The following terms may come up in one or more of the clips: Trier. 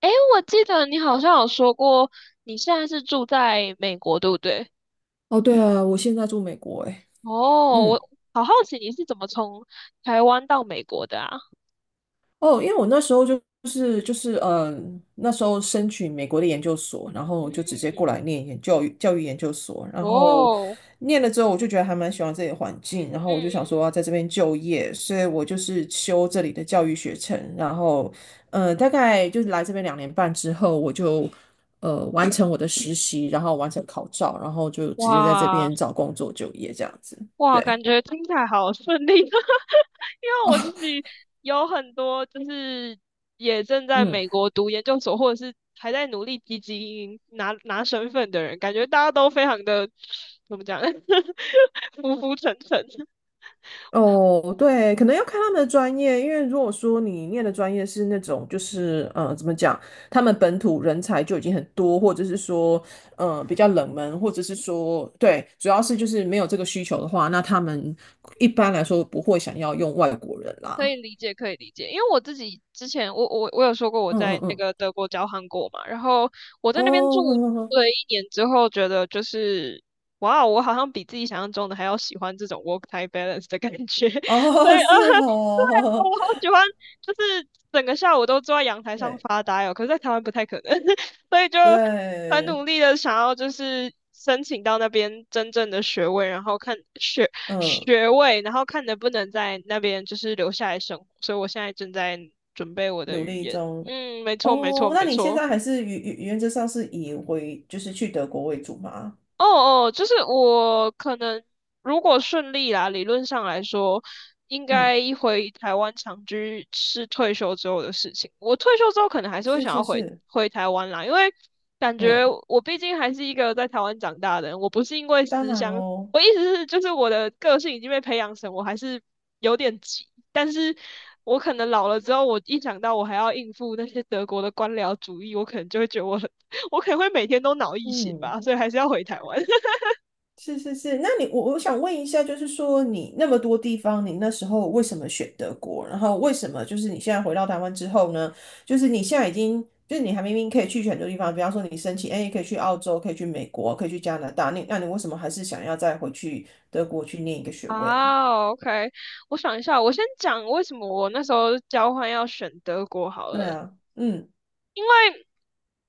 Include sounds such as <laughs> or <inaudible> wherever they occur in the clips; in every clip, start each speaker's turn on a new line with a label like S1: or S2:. S1: 诶，我记得你好像有说过，你现在是住在美国，对不对？
S2: 哦，对啊，我现在住美国诶，
S1: 哦，
S2: 嗯，
S1: 我好好奇你是怎么从台湾到美国的啊？
S2: 哦，因为我那时候就是，那时候申请美国的研究所，然后就直接过
S1: 嗯，
S2: 来念研教育教育研究所，然后
S1: 哦，
S2: 念了之后，我就觉得还蛮喜欢这里的环境，然后
S1: 嗯
S2: 我
S1: 嗯
S2: 就想说
S1: 嗯，
S2: 要在这边就业，所以我就是修这里的教育学程，然后大概就是来这边2年半之后，我就完成我的实习，然后完成考照，然后就直接在这
S1: 哇
S2: 边找工作就业这样子，
S1: 哇，
S2: 对，
S1: 感觉听起来好顺利，<laughs> 因为我自己有很多就是也正在
S2: 嗯。
S1: 美国读研究所，或者是还在努力积极拿身份的人，感觉大家都非常的怎么讲，<laughs> 浮浮沉沉。
S2: 哦，对，可能要看他们的专业，因为如果说你念的专业是那种，就是怎么讲，他们本土人才就已经很多，或者是说，比较冷门，或者是说，对，主要是就是没有这个需求的话，那他们一般来说不会想要用外国人
S1: 可
S2: 啦。
S1: 以理解，可以理解，因为我自己之前，我有说过我
S2: 嗯嗯
S1: 在那
S2: 嗯，
S1: 个德国交换过嘛，然后我在
S2: 哦，
S1: 那边住
S2: <laughs> 呵呵呵，
S1: 了一年之后，觉得就是，哇哦，我好像比自己想象中的还要喜欢这种 work-life balance 的感觉，<laughs>
S2: 哦，<laughs> 是
S1: 我
S2: 哦，
S1: 好喜欢，就是整个下午都坐在阳台
S2: <laughs>
S1: 上
S2: 对
S1: 发呆哦。可是，在台湾不太可能，<laughs> 所以就很
S2: 对，
S1: 努力的想要就是申请到那边真正的学位，然后看学
S2: 嗯，
S1: 学位，然后看能不能在那边就是留下来生活。所以我现在正在准备我的
S2: 努
S1: 语
S2: 力
S1: 言。
S2: 中。
S1: 嗯，没错，没
S2: 哦，
S1: 错，
S2: 那
S1: 没
S2: 你现
S1: 错。
S2: 在还是原则上是以回就是去德国为主吗？
S1: 哦哦，就是我可能如果顺利啦，理论上来说，应
S2: 嗯，
S1: 该一回台湾长居是退休之后的事情。我退休之后可能还是会
S2: 是
S1: 想要
S2: 是
S1: 回
S2: 是，
S1: 回台湾啦，因为感觉
S2: 嗯，
S1: 我毕竟还是一个在台湾长大的人，我不是因为
S2: 当
S1: 思
S2: 然
S1: 乡，
S2: 喽，
S1: 我意思是就是我的个性已经被培养成我还是有点急，但是我可能老了之后，我一想到我还要应付那些德国的官僚主义，我可能就会觉得我很，<laughs> 我可能会每天都脑溢血
S2: 嗯，
S1: 吧，所以还是要回台湾。
S2: 是是是。那你我想问一下，就是说你那么多地方，你那时候为什么选德国？然后为什么就是你现在回到台湾之后呢？就是你现在已经，就是你还明明可以去很多地方，比方说你申请，哎，可以去澳洲，可以去美国，可以去加拿大，你那你为什么还是想要再回去德国去念一个学位啊？
S1: 啊，OK，我想一下，我先讲为什么我那时候交换要选德国好
S2: 对
S1: 了。
S2: 啊，嗯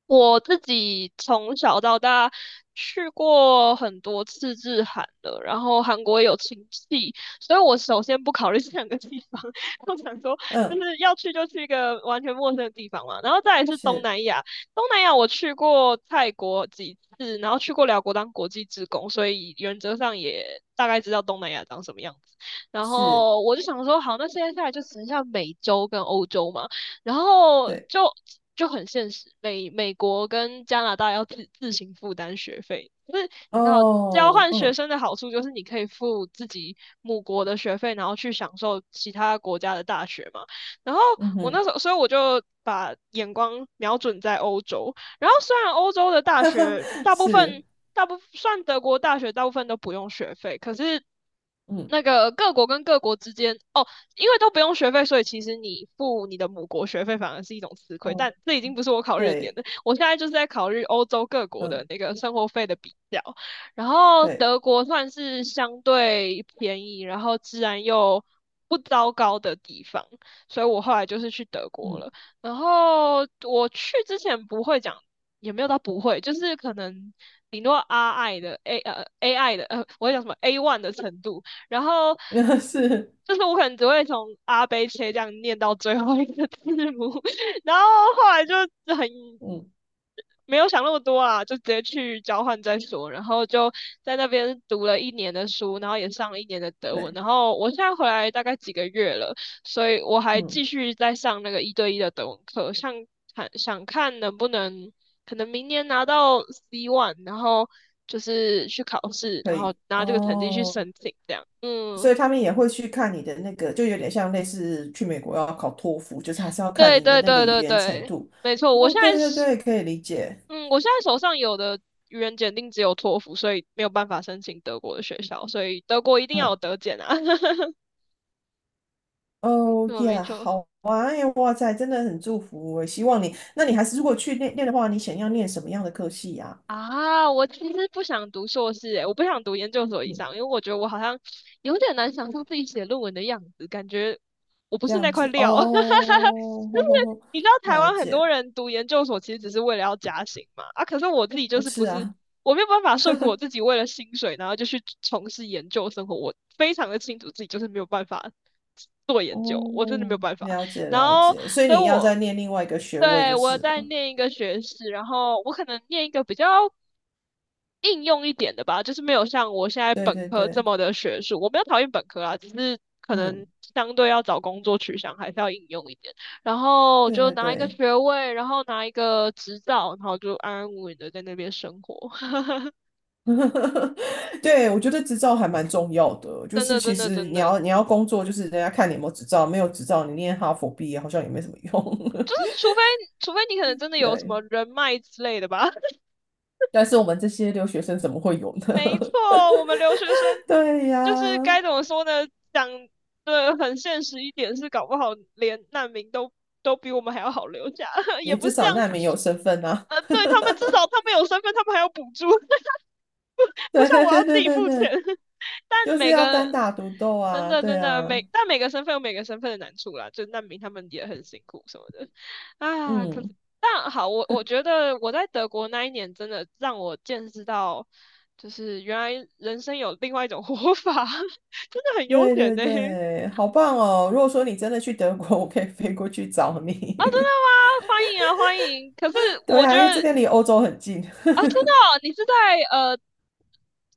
S1: 我自己从小到大去过很多次日韩了，然后韩国也有亲戚，所以我首先不考虑 <laughs> 这两个地方，<laughs> 我想说就
S2: 嗯，
S1: 是要去就去一个完全陌生的地方嘛，然后再来是东
S2: 是
S1: 南亚，东南亚我去过泰国几次，然后去过辽国当国际职工，所以原则上也大概知道东南亚长什么样子。然
S2: 是，
S1: 后我就想说，好，那现在下来就只剩下美洲跟欧洲嘛。然后
S2: 对，
S1: 就很现实，美国跟加拿大要自行负担学费，就是你知道交
S2: 哦，
S1: 换学
S2: 嗯
S1: 生的好处就是你可以付自己母国的学费，然后去享受其他国家的大学嘛。然后
S2: 嗯
S1: 我
S2: 哼，
S1: 那时候，所以我就把眼光瞄准在欧洲。然后虽然欧洲的
S2: <laughs>
S1: 大
S2: 哈哈，
S1: 学大部分
S2: 是。
S1: 大部算德国大学大部分都不用学费，可是
S2: 嗯。
S1: 那个各国跟各国之间，哦，因为都不用学费，所以其实你付你的母国学费反而是一种吃亏。
S2: 哦，
S1: 但这已经不是我考虑的点
S2: 对，
S1: 了，我现在就是在考虑欧洲各国的
S2: 嗯，
S1: 那个生活费的比较。然后
S2: 对，
S1: 德国算是相对便宜，然后治安又不糟糕的地方，所以我后来就是去德国
S2: 嗯，
S1: 了。然后我去之前不会讲，也没有到不会，就是可能顶多 R I 的 A A I 的，我会讲什么 A1 的程度，然后
S2: <laughs> 那是，
S1: 就是我可能只会从阿贝切这样念到最后一个字母，<laughs> 然后后来就很
S2: 嗯，
S1: 没有想那么多啊，就直接去交换再说，然后就在那边读了一年的书，然后也上了一年的德
S2: 对，
S1: 文，然后我现在回来大概几个月了，所以我还
S2: 嗯，
S1: 继续在上那个一对一的德文课，想看能不能可能明年拿到 C1，然后。就是去考试，
S2: 可
S1: 然后
S2: 以，
S1: 拿这个成绩去
S2: 哦，
S1: 申请，这样，嗯。
S2: 所以他们也会去看你的那个，就有点像类似去美国要考托福，就是还是要看
S1: 对
S2: 你的
S1: 对
S2: 那个
S1: 对
S2: 语
S1: 对
S2: 言程
S1: 对，
S2: 度。
S1: 没错。
S2: 哦，对对对，可以理解，
S1: 我现在手上有的语言检定只有托福，所以没有办法申请德国的学校，所以德国一定要有
S2: 嗯，
S1: 德检啊。<laughs> 没
S2: 哦
S1: 错没
S2: 耶，
S1: 错。
S2: 好啊，哎呀，哇塞，真的很祝福我，希望你，那你还是如果去念念的话，你想要念什么样的科系呀、
S1: 啊，我其实不想读硕士，诶，我不想读研究所以
S2: 嗯，
S1: 上，因为我觉得我好像有点难想象自己写论文的样子，感觉我不
S2: 这
S1: 是那
S2: 样
S1: 块
S2: 子，哦，
S1: 料。<laughs>
S2: <laughs>
S1: 就
S2: 吼
S1: 是
S2: 吼吼，
S1: 你知道台
S2: 了
S1: 湾很多
S2: 解，
S1: 人读研究所其实只是为了要加薪嘛，啊，可是我自己就
S2: 不
S1: 是
S2: 是
S1: 不是，
S2: 啊。
S1: 我没有办法说服我自己为了薪水，然后就去从事研究生活，我非常的清楚自己就是没有办法做研究，我真的没有
S2: 哦，
S1: 办法。
S2: 了解
S1: 然
S2: 了
S1: 后
S2: 解，所以
S1: 所以
S2: 你要再
S1: 我
S2: 念另外一个学位
S1: 对
S2: 就
S1: 我
S2: 是
S1: 在
S2: 了。
S1: 念一个学士，然后我可能念一个比较应用一点的吧，就是没有像我现在
S2: 对
S1: 本
S2: 对
S1: 科这
S2: 对，
S1: 么的学术。我没有讨厌本科啊，只是可能
S2: 嗯，
S1: 相对要找工作取向还是要应用一点。然后
S2: 对
S1: 就
S2: 对
S1: 拿一个
S2: 对，
S1: 学位，然后拿一个执照，然后就安安稳稳的在那边生活。<laughs>
S2: <laughs> 对，我觉得执照还蛮重要的，就
S1: 真
S2: 是
S1: 的，
S2: 其
S1: 真的，
S2: 实
S1: 真
S2: 你
S1: 的，
S2: 要你要工作，就是人家看你有没有执照，没有执照你念哈佛毕业好像也没什么用。
S1: 就是除非你可能真的
S2: <laughs>
S1: 有什
S2: 对，
S1: 么人脉之类的吧。<laughs>
S2: 但是我们这些留学生怎么会有呢？
S1: 没错，我们留学生
S2: <laughs> 对
S1: 就是
S2: 呀，
S1: 该怎么说呢？讲的很现实一点是，搞不好连难民都比我们还要好留下，<laughs> 也
S2: 也
S1: 不
S2: 至
S1: 是这
S2: 少
S1: 样，
S2: 难民有身份啊。
S1: 对，他们至少他们有身份，他们还有补助，<laughs> 不
S2: <laughs>
S1: 不
S2: 对
S1: 像
S2: 对
S1: 我要
S2: 对
S1: 自
S2: 对
S1: 己
S2: 对
S1: 付钱。
S2: 对，
S1: <laughs> 但
S2: 就是
S1: 每
S2: 要单
S1: 个
S2: 打独斗
S1: 真
S2: 啊。
S1: 的
S2: 对
S1: 真的
S2: 啊，
S1: 每个身份有每个身份的难处啦，就难民他们也很辛苦什么的啊。可是
S2: 嗯。
S1: 但好，我觉得我在德国那一年真的让我见识到，就是原来人生有另外一种活法，<laughs> 真的很悠
S2: 对
S1: 闲
S2: 对
S1: 呢、啊，真的
S2: 对，好棒哦！如果说你真的去德国，我可以飞过去找
S1: 吗？
S2: 你。
S1: 欢迎啊，欢迎。可是
S2: <laughs> 对
S1: 我觉
S2: 啊，因为这
S1: 得
S2: 边离欧洲很近，
S1: 啊，真的哦你是在呃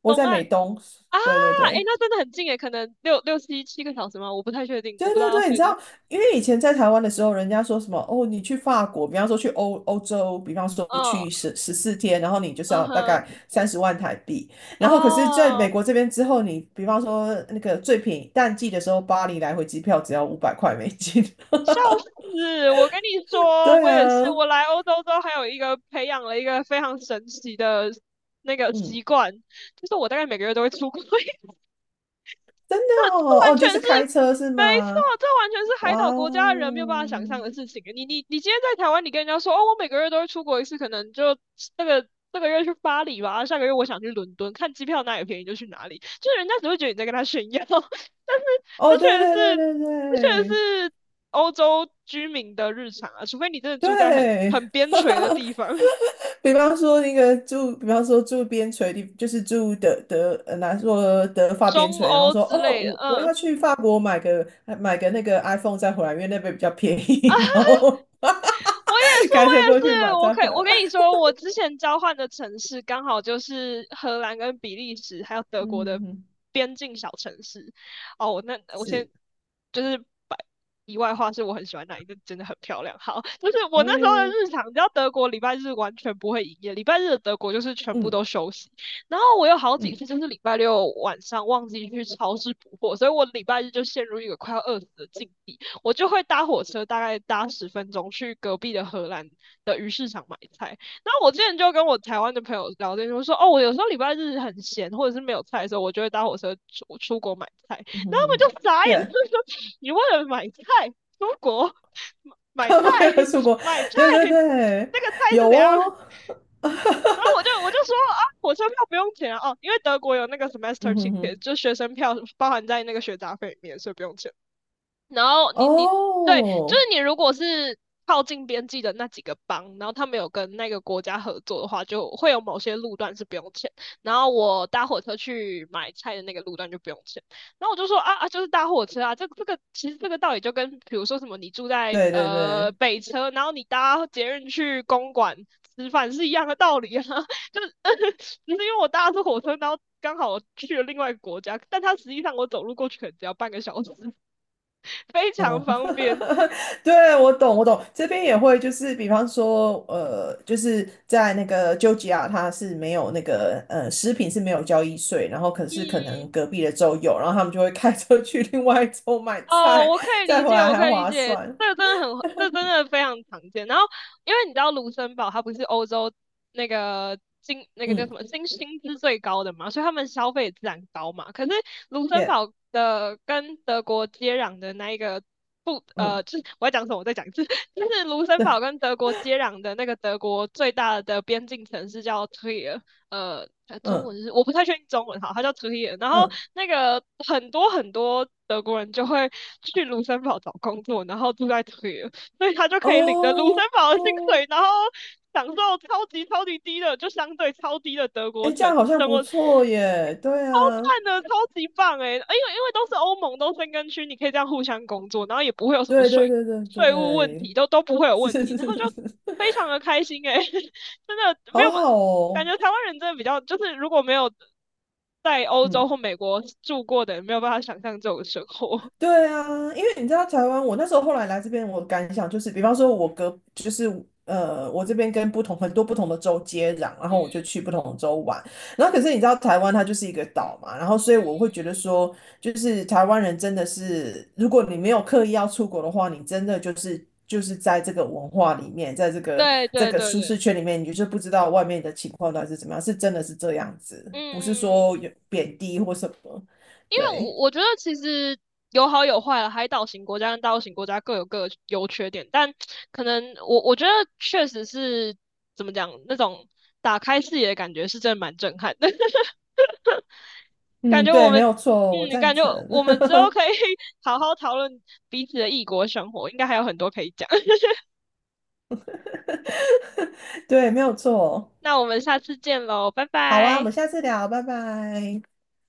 S2: 我
S1: 东
S2: 在
S1: 岸。
S2: 美东。
S1: 啊，
S2: 对对
S1: 哎，
S2: 对，
S1: 那真的很近诶，可能六六七七个小时吗？我不太确定，
S2: 对
S1: 我不知道
S2: 对
S1: 要
S2: 对，你
S1: 飞
S2: 知
S1: 多。
S2: 道，因为以前在台湾的时候，人家说什么哦，你去法国，比方说去欧洲，比方说去
S1: 嗯
S2: 14天，然后你就是
S1: 嗯
S2: 要大概
S1: 哼，
S2: 30万台币。然后可是在美
S1: 哦，
S2: 国这边之后，你比方说那个最便宜淡季的时候，巴黎来回机票只要500块美金。<laughs>
S1: 笑死！我跟你说，
S2: 对
S1: 我也是，
S2: 啊，
S1: 我来欧洲之后，还有一个培养了一个非常神奇的那个
S2: 嗯。
S1: 习惯，就是我大概每个月都会出国 <laughs>
S2: 真的
S1: 这
S2: 哦，
S1: 完
S2: 哦，
S1: 全
S2: 就是
S1: 是
S2: 开车是
S1: 没错，
S2: 吗？
S1: 这完全是海
S2: 哇
S1: 岛
S2: 哦，
S1: 国家的人没有办法想象的事情。你今天在台湾，你跟人家说哦，我每个月都会出国一次，可能就那个这个月去巴黎吧，下个月我想去伦敦，看机票哪里便宜就去哪里，就是人家只会觉得你在跟他炫耀。<laughs> 但是
S2: 哦，
S1: 这确
S2: 对
S1: 实
S2: 对对
S1: 是，
S2: 对
S1: 这确实
S2: 对
S1: 是欧洲居民的日常啊，除非你真的住在很
S2: 对，
S1: 很边
S2: <laughs>
S1: 陲的地方，
S2: 比方说那个住，比方说住边陲地，就是住德德，呃，拿说德
S1: <laughs>
S2: 法边
S1: 中
S2: 陲，然后
S1: 欧
S2: 说
S1: 之
S2: 哦，
S1: 类的，
S2: 我
S1: 嗯。
S2: 要去法国买个那个 iPhone 再回来，因为那边比较便宜，<laughs> 然后
S1: 我也
S2: <laughs>
S1: 是，
S2: 开
S1: 我
S2: 车
S1: 也
S2: 过去
S1: 是，
S2: 买再回
S1: 我
S2: 来。
S1: 跟你说，我之前交换的城市刚好就是荷兰跟比利时还有德
S2: 嗯
S1: 国的
S2: 哼哼，
S1: 边境小城市。哦，那我先
S2: 是，
S1: 就是把题外话，是我很喜欢哪一个，那真的很漂亮。好，就是我那时候的
S2: 哦，
S1: 日常，你知道德国礼拜日完全不会营业，礼拜日的德国就是全部
S2: 嗯
S1: 都休息。然后我有好几
S2: 嗯
S1: 次就是礼拜六晚上忘记去超市补货，所以我礼拜日就陷入一个快要饿死的境地。我就会搭火车，大概搭10分钟去隔壁的荷兰的鱼市场买菜。那我之前就跟我台湾的朋友聊天，就说哦，我有时候礼拜日很闲，或者是没有菜的时候，我就会搭火车出国买菜。然
S2: 嗯
S1: 后
S2: 哼哼
S1: 他
S2: 哼
S1: 们就傻眼，他们说你为了买菜出国
S2: <laughs>
S1: 买
S2: 他
S1: 菜
S2: 们为了出国，
S1: 买菜，
S2: 对对对，
S1: 那个菜是
S2: 有
S1: 怎样？
S2: 哦，
S1: 然后我就说啊，火车票不用钱啊，哦，因为德国有那个 semester
S2: 嗯哼
S1: ticket，
S2: 哼，
S1: 就学生票包含在那个学杂费里面，所以不用钱。然后你对，就是
S2: 哦，
S1: 你如果是靠近边际的那几个邦，然后他没有跟那个国家合作的话，就会有某些路段是不用钱。然后我搭火车去买菜的那个路段就不用钱。然后我就说啊啊，就是搭火车啊，这个其实这个道理就跟比如说什么你住在
S2: 对对对，
S1: 北车，然后你搭捷运去公馆吃饭是一样的道理啊，<laughs> 就是<laughs> 只是因为我搭的是火车，然后刚好我去了另外一个国家，但它实际上我走路过去可能只要半个小时。<laughs> 非常
S2: 哦，
S1: 方便。
S2: <laughs> 对，我懂我懂，这边也会就是，比方说，就是在那个丘吉亚，它是没有那个食品是没有交易税，然后可是可
S1: 嗯，
S2: 能隔壁的州有，然后他们就会开车去另外一州买
S1: 哦，
S2: 菜，
S1: 我可以
S2: 再
S1: 理
S2: 回
S1: 解，
S2: 来
S1: 我
S2: 还
S1: 可以理
S2: 划
S1: 解，
S2: 算，
S1: 这真的非常常见。然后，因为你知道卢森堡它不是欧洲那个金那个叫什
S2: 嗯，
S1: 么薪资最高的嘛，所以他们消费自然高嘛。可是卢森
S2: 耶，
S1: 堡的跟德国接壤的那一个不呃，
S2: 嗯，
S1: 就是我要讲什么，我再讲一次，<laughs> 就是卢森
S2: 对，
S1: 堡跟德国接壤的那个德国最大的边境城市叫 Trier，中
S2: 嗯
S1: 文是我不太确定中文，好，它叫 Trier。然
S2: 嗯，
S1: 后
S2: 嗯
S1: 那个很多很多德国人就会，去卢森堡找工作，然后住在这里，所以他就可以领着卢森
S2: 哦。
S1: 堡的薪水，然后享受超级超级低的，就相对超低的德国
S2: 哎，这
S1: 城
S2: 样好像
S1: 生
S2: 不
S1: 活，超
S2: 错耶。对啊，
S1: 赞的，超级棒诶、因为都是欧盟，都申根区，你可以这样互相工作，然后也不会有什么
S2: 对对
S1: 税
S2: 对对
S1: 税务问题，
S2: 对，
S1: 都不会
S2: <laughs>
S1: 有
S2: 是
S1: 问
S2: 是
S1: 题，
S2: 是
S1: 然
S2: 是，
S1: 后就
S2: 是
S1: 非常的开心诶、<laughs> 真的没
S2: 好
S1: 有
S2: 好
S1: 感
S2: 哦。
S1: 觉台湾人真的比较，就是如果没有在欧洲或
S2: 嗯。
S1: 美国住过的，没有办法想象这种生活。
S2: 对啊，因为你知道台湾，我那时候后来来这边，我感想就是，比方说，我隔就是呃，我这边跟不同很多不同的州接壤，然
S1: 嗯
S2: 后我就
S1: 嗯
S2: 去不同的州玩。然后可是你知道台湾它就是一个岛嘛，然后所以我
S1: 嗯，
S2: 会觉得说，就是台湾人真的是，如果你没有刻意要出国的话，你真的就是在这个文化里面，在这个
S1: 对
S2: 这
S1: 对
S2: 个
S1: 对
S2: 舒适
S1: 对，
S2: 圈里面，你就是不知道外面的情况到底是怎么样，是真的是这样子，
S1: 嗯
S2: 不是
S1: 嗯嗯，
S2: 说有贬低或什么，
S1: 因为我
S2: 对。
S1: 我觉得其实有好有坏了，海岛型国家跟大陆型国家各有各的优缺点，但可能我觉得确实是怎么讲，那种打开视野的感觉是真的蛮震撼的，<laughs> 感
S2: 嗯，
S1: 觉
S2: 对，
S1: 我
S2: 没
S1: 们
S2: 有错，我赞
S1: 感觉
S2: 成。
S1: 我们之后可以
S2: <laughs>
S1: <laughs> 好好讨论彼此的异国生活，应该还有很多可以讲。<laughs>
S2: 对，没有错。
S1: 那我们下次见喽，拜
S2: 好啊，我
S1: 拜。
S2: 们下次聊，拜拜。